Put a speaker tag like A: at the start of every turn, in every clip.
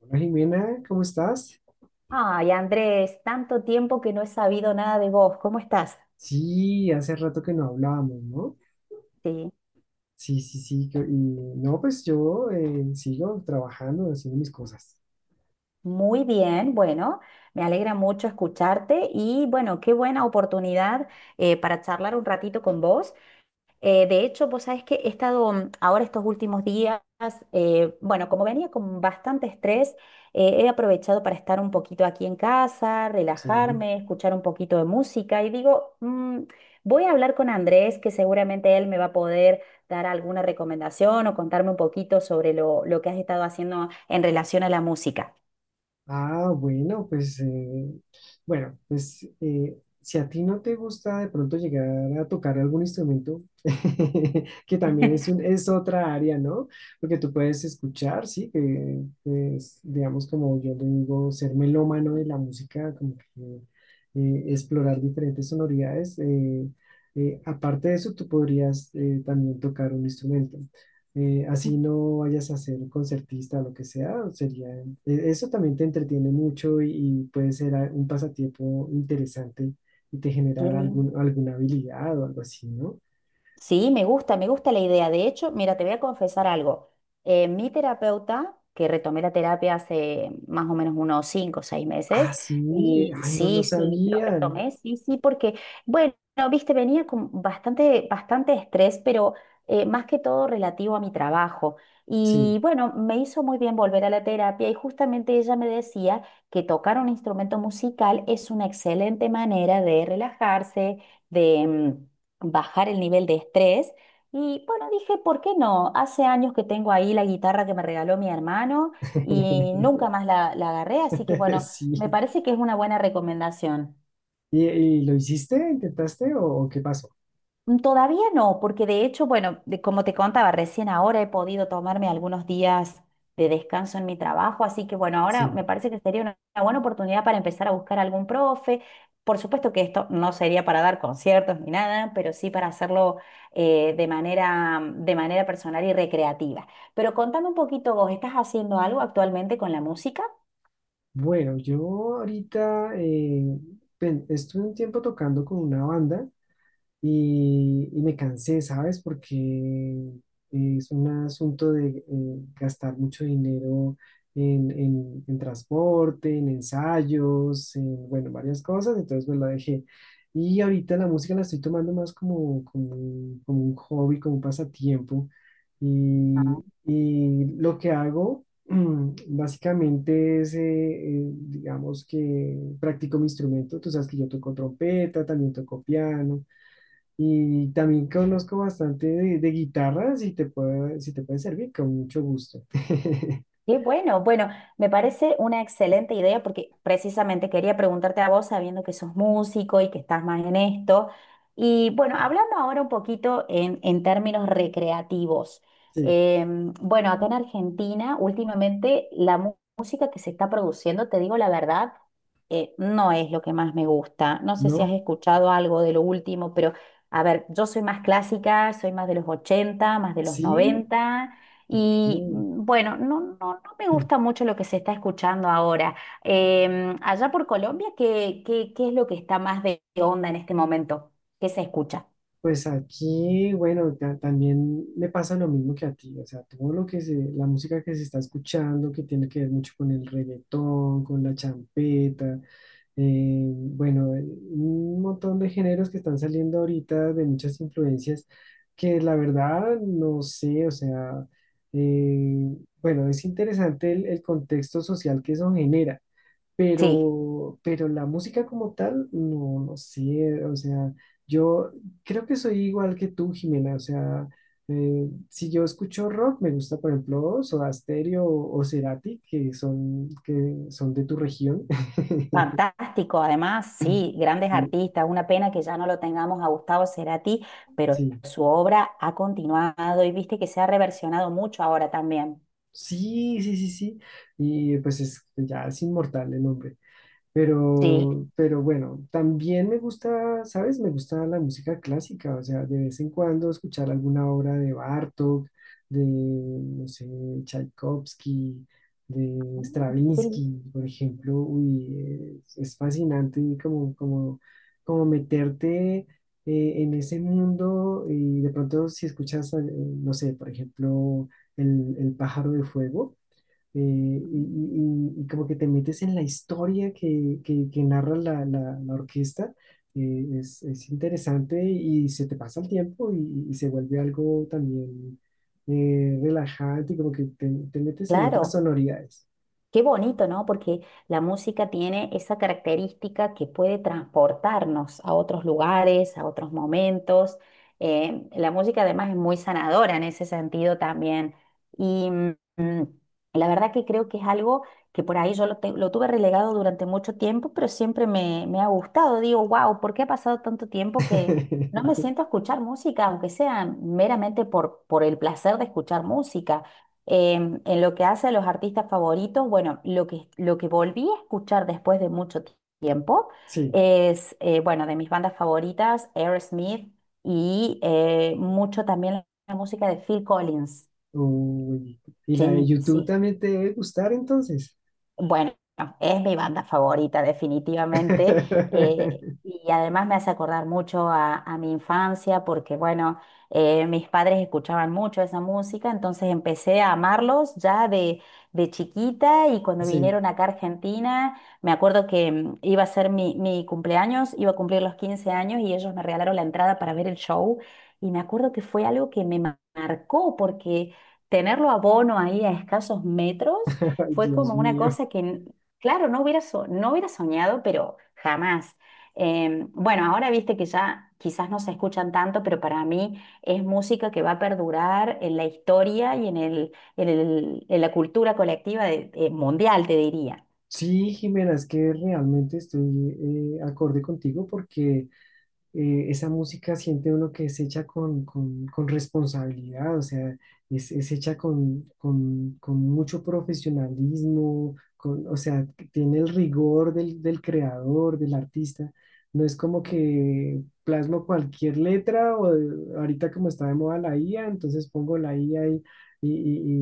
A: Hola Jimena, ¿cómo estás?
B: Ay, Andrés, tanto tiempo que no he sabido nada de vos. ¿Cómo estás?
A: Sí, hace rato que no hablábamos, ¿no?
B: Sí,
A: Sí, sí, sí. que- Y no, pues yo sigo trabajando, haciendo mis cosas.
B: muy bien. Bueno, me alegra mucho escucharte y bueno, qué buena oportunidad para charlar un ratito con vos. De hecho, vos sabés que he estado ahora estos últimos días, bueno, como venía con bastante estrés, he aprovechado para estar un poquito aquí en casa,
A: Sí.
B: relajarme, escuchar un poquito de música y digo, "Mm, voy a hablar con Andrés, que seguramente él me va a poder dar alguna recomendación o contarme un poquito sobre lo que has estado haciendo en relación a la música".
A: Ah, bueno, pues, eh, bueno, si a ti no te gusta de pronto llegar a tocar algún instrumento, que también es otra área, ¿no? Porque tú puedes escuchar, sí, que es, digamos, como yo le digo, ser melómano de la música, como que explorar diferentes sonoridades. Aparte de eso, tú podrías también tocar un instrumento así
B: Mm.
A: no vayas a ser concertista o lo que sea, eso también te entretiene mucho y puede ser un pasatiempo interesante y te
B: Qué
A: genera
B: lindo.
A: alguna habilidad o algo así, ¿no?
B: Sí, me gusta la idea. De hecho, mira, te voy a confesar algo. Mi terapeuta, que retomé la terapia hace más o menos unos cinco o seis
A: Ah,
B: meses,
A: sí,
B: y
A: ay, no, no
B: sí, sí, lo
A: sabían.
B: retomé, sí, sí, porque, bueno, viste, venía con bastante, bastante estrés, pero más que todo relativo a mi trabajo.
A: Sí,
B: Y bueno, me hizo muy bien volver a la terapia y justamente ella me decía que tocar un instrumento musical es una excelente manera de relajarse, de... bajar el nivel de estrés. Y bueno, dije, ¿por qué no? Hace años que tengo ahí la guitarra que me regaló mi hermano y nunca más la agarré, así que bueno, me
A: sí.
B: parece que es una buena recomendación.
A: Y lo hiciste? ¿Intentaste o qué pasó?
B: Mm, todavía no, porque de hecho, bueno, como te contaba, recién ahora he podido tomarme algunos días de descanso en mi trabajo, así que bueno, ahora me
A: Sí.
B: parece que sería una buena oportunidad para empezar a buscar algún profe. Por supuesto que esto no sería para dar conciertos ni nada, pero sí para hacerlo de manera personal y recreativa. Pero contame un poquito, ¿vos estás haciendo algo actualmente con la música?
A: Bueno, yo ahorita estuve un tiempo tocando con una banda. Y, y me cansé, ¿sabes? Porque es un asunto de gastar mucho dinero en transporte, en ensayos, en, bueno, varias cosas, entonces pues la dejé. Y ahorita la música la estoy tomando más como un hobby, como un pasatiempo. Y, y lo que hago básicamente es, digamos que practico mi instrumento. Tú sabes que yo toco trompeta, también toco piano. Y también conozco bastante de guitarra, si te puede servir, con mucho gusto.
B: Qué bueno, bueno, me parece una excelente idea porque precisamente quería preguntarte a vos, sabiendo que sos músico y que estás más en esto. Y bueno, hablando ahora un poquito en términos recreativos.
A: Sí,
B: Bueno, acá en Argentina, últimamente la música que se está produciendo, te digo la verdad, no es lo que más me gusta. No sé si has
A: ¿no?
B: escuchado algo de lo último, pero a ver, yo soy más clásica, soy más de los 80, más de los
A: Sí,
B: 90. Y
A: ok.
B: bueno, no, no, no me gusta mucho lo que se está escuchando ahora. Em, allá por Colombia, ¿qué, qué, qué es lo que está más de onda en este momento? ¿Qué se escucha?
A: Pues aquí, bueno, también me pasa lo mismo que a ti, o sea, todo lo que se, la música que se está escuchando, que tiene que ver mucho con el reggaetón, con la champeta, bueno, un montón de géneros que están saliendo ahorita de muchas influencias que la verdad no sé, o sea, eh, bueno, es interesante el contexto social que eso genera,
B: Sí,
A: pero la música como tal, no, no sé, o sea, yo creo que soy igual que tú, Jimena, o sea, si yo escucho rock, me gusta, por ejemplo, Soda Stereo o Cerati, que son de tu región.
B: fantástico. Además, sí, grandes
A: Sí,
B: artistas. Una pena que ya no lo tengamos a Gustavo Cerati, pero
A: sí,
B: su obra ha continuado y viste que se ha reversionado mucho ahora también.
A: sí, sí, sí, sí, y pues es, ya es inmortal el hombre.
B: Sí.
A: Pero bueno, también me gusta, ¿sabes? Me gusta la música clásica, o sea, de vez en cuando escuchar alguna obra de Bartók, de, no sé, Tchaikovsky, de
B: Ah, qué lindo.
A: Stravinsky, por ejemplo. Uy, es fascinante como meterte en ese mundo y de pronto si escuchas, no sé, por ejemplo, El pájaro de fuego eh, y, y como que te metes en la historia que narra la orquesta, es interesante y se te pasa el tiempo y se vuelve algo también relajante y como que te metes en otras
B: Claro.
A: sonoridades.
B: Qué bonito, ¿no? Porque la música tiene esa característica que puede transportarnos a otros lugares, a otros momentos. La música además es muy sanadora en ese sentido también. Y mm, la verdad que creo que es algo que por ahí yo lo tuve relegado durante mucho tiempo, pero siempre me, me ha gustado. Digo, wow, ¿por qué ha pasado tanto tiempo que no me siento a escuchar música, aunque sea meramente por el placer de escuchar música? En lo que hace a los artistas favoritos, bueno, lo que volví a escuchar después de mucho tiempo
A: Sí,
B: es, bueno, de mis bandas favoritas, Aerosmith y mucho también la música de Phil Collins.
A: uy, y la de
B: Sí,
A: YouTube
B: sí.
A: también te debe gustar entonces.
B: Bueno, es mi banda favorita, definitivamente. Y además me hace acordar mucho a mi infancia, porque bueno, mis padres escuchaban mucho esa música, entonces empecé a amarlos ya de chiquita y cuando
A: Sí,
B: vinieron acá a Argentina, me acuerdo que iba a ser mi, mi cumpleaños, iba a cumplir los 15 años y ellos me regalaron la entrada para ver el show. Y me acuerdo que fue algo que me marcó, porque tenerlo a Bono ahí a escasos metros.
A: ay
B: Fue
A: Dios
B: como una
A: mío.
B: cosa que, claro, no hubiera, no hubiera soñado, pero jamás. Bueno, ahora viste que ya quizás no se escuchan tanto, pero para mí es música que va a perdurar en la historia y en en la cultura colectiva mundial, te diría.
A: Sí, Jimena, es que realmente estoy acorde contigo porque esa música siente uno que es hecha con responsabilidad, o sea, es hecha con mucho profesionalismo, con, o sea, que tiene el rigor del, del creador, del artista. No es como que plasmo cualquier letra o ahorita como está de moda la IA, entonces pongo la IA y,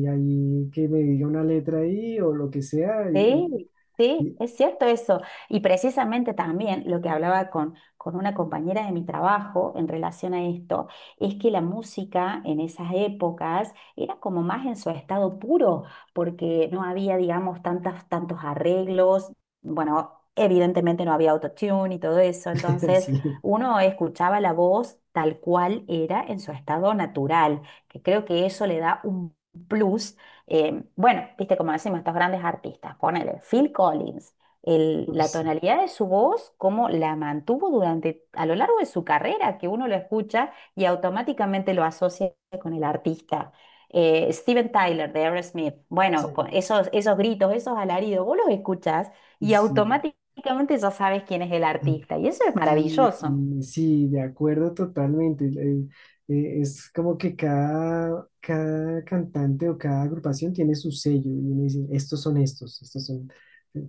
A: y ahí que me diga una letra ahí o lo que sea.
B: Sí,
A: Y-
B: sí,
A: y-
B: es cierto eso. Y precisamente también lo que hablaba con una compañera de mi trabajo en relación a esto, es que la música en esas épocas era como más en su estado puro, porque no había, digamos, tantos arreglos. Bueno, evidentemente no había autotune y todo eso, entonces
A: sí.
B: uno escuchaba la voz tal cual era en su estado natural, que creo que eso le da un plus. Eh, bueno, viste como decimos estos grandes artistas, ponele Phil Collins,
A: Uy,
B: la
A: sí,
B: tonalidad de su voz, cómo la mantuvo durante, a lo largo de su carrera, que uno lo escucha y automáticamente lo asocia con el artista. Steven Tyler de Aerosmith, bueno,
A: sí,
B: con esos, esos gritos, esos alaridos, vos los escuchás y
A: sí.
B: automáticamente ya sabes quién es el artista y eso es
A: Sí,
B: maravilloso,
A: mm, sí, de acuerdo totalmente. Es como que cada, cada cantante o cada agrupación tiene su sello y uno dice, estos son estos, estos son,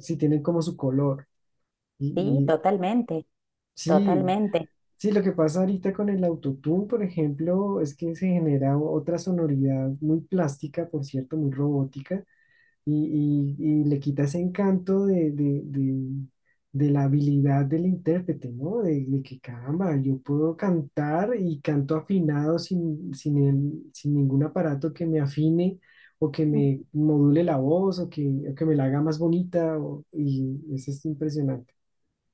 A: sí, tienen como su color.
B: sí,
A: Y, y
B: totalmente,
A: sí,
B: totalmente.
A: sí, lo que pasa ahorita con el autotune, por ejemplo, es que se genera otra sonoridad muy plástica, por cierto, muy robótica y le quita ese encanto de la habilidad del intérprete, ¿no? De que caramba, yo puedo cantar y canto afinado sin ningún aparato que me afine o que me module la voz o que me la haga más bonita y eso es impresionante.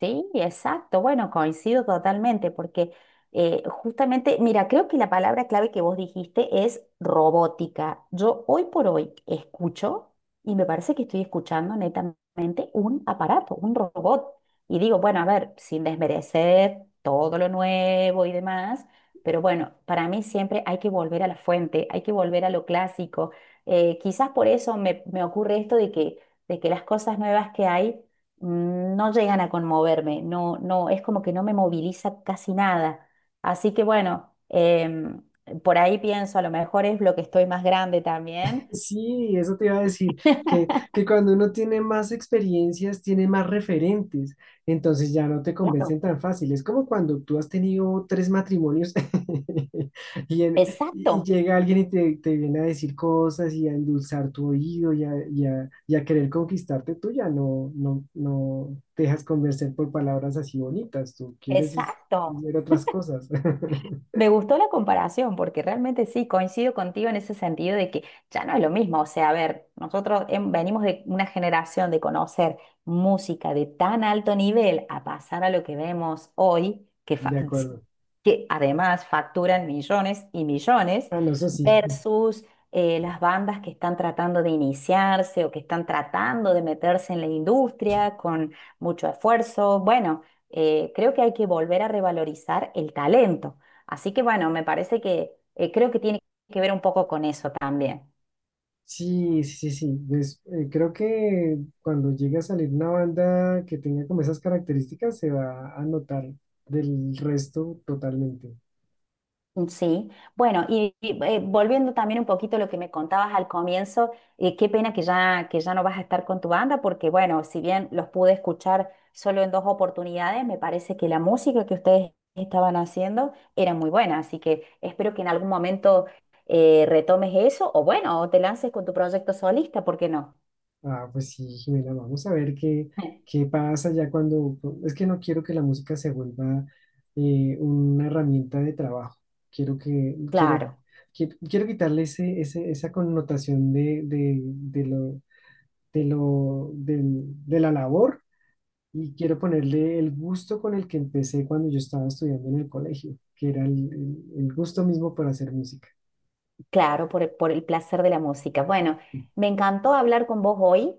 B: Sí, exacto. Bueno, coincido totalmente porque justamente, mira, creo que la palabra clave que vos dijiste es robótica. Yo hoy por hoy escucho y me parece que estoy escuchando netamente un aparato, un robot. Y digo, bueno, a ver, sin desmerecer todo lo nuevo y demás, pero bueno, para mí siempre hay que volver a la fuente, hay que volver a lo clásico. Quizás por eso me, me ocurre esto de que las cosas nuevas que hay no llegan a conmoverme, no, no, es como que no me moviliza casi nada. Así que bueno, por ahí pienso, a lo mejor es lo que estoy más grande también.
A: Sí, eso te iba a decir, que cuando uno tiene más experiencias, tiene más referentes, entonces ya no te
B: Claro.
A: convencen tan fácil. Es como cuando tú has tenido tres matrimonios y, en-
B: Exacto,
A: y llega alguien y te viene a decir cosas y a endulzar tu oído y a querer conquistarte, tú ya no, no, no te dejas convencer por palabras así bonitas, tú quieres
B: exacto.
A: ver otras cosas.
B: Me gustó la comparación porque realmente sí, coincido contigo en ese sentido de que ya no es lo mismo. O sea, a ver, nosotros venimos de una generación de conocer música de tan alto nivel a pasar a lo que vemos hoy, que,
A: De acuerdo.
B: que además facturan millones y millones,
A: Ah, no, eso sí.
B: versus las bandas que están tratando de iniciarse o que están tratando de meterse en la industria con mucho esfuerzo. Bueno, creo que hay que volver a revalorizar el talento. Así que bueno, me parece que creo que tiene que ver un poco con eso también.
A: Sí, sí, sí, sí. Creo que cuando llegue a salir una banda que tenga como esas características, se va a notar del resto totalmente.
B: Sí, bueno, y, volviendo también un poquito a lo que me contabas al comienzo, qué pena que ya no vas a estar con tu banda, porque bueno, si bien los pude escuchar solo en 2 oportunidades, me parece que la música que ustedes estaban haciendo era muy buena, así que espero que en algún momento retomes eso, o bueno, o te lances con tu proyecto solista, ¿por qué no?
A: Ah, pues sí, Jimena, vamos a ver qué, qué pasa ya cuando... Es que no quiero que la música se vuelva una herramienta de trabajo. Quiero que, quiero,
B: Claro.
A: quiero, Quiero quitarle esa connotación de la labor. Y quiero ponerle el gusto con el que empecé cuando yo estaba estudiando en el colegio, que era el gusto mismo por hacer música.
B: Claro, por el placer de la música. Bueno, me encantó hablar con vos hoy.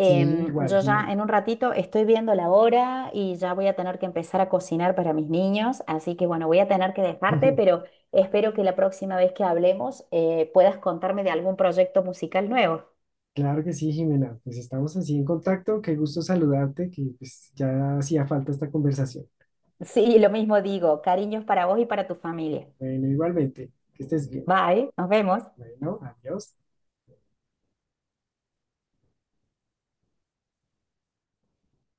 A: Sí, igual,
B: yo ya
A: Jimena.
B: en un ratito estoy viendo la hora y ya voy a tener que empezar a cocinar para mis niños, así que bueno, voy a tener que dejarte, pero espero que la próxima vez que hablemos puedas contarme de algún proyecto musical nuevo.
A: Claro que sí, Jimena. Pues estamos así en contacto. Qué gusto saludarte, que pues ya hacía falta esta conversación.
B: Sí, lo mismo digo. Cariños para vos y para tu familia.
A: Bueno, igualmente, que estés bien.
B: Bye, nos vemos.
A: Bueno, adiós.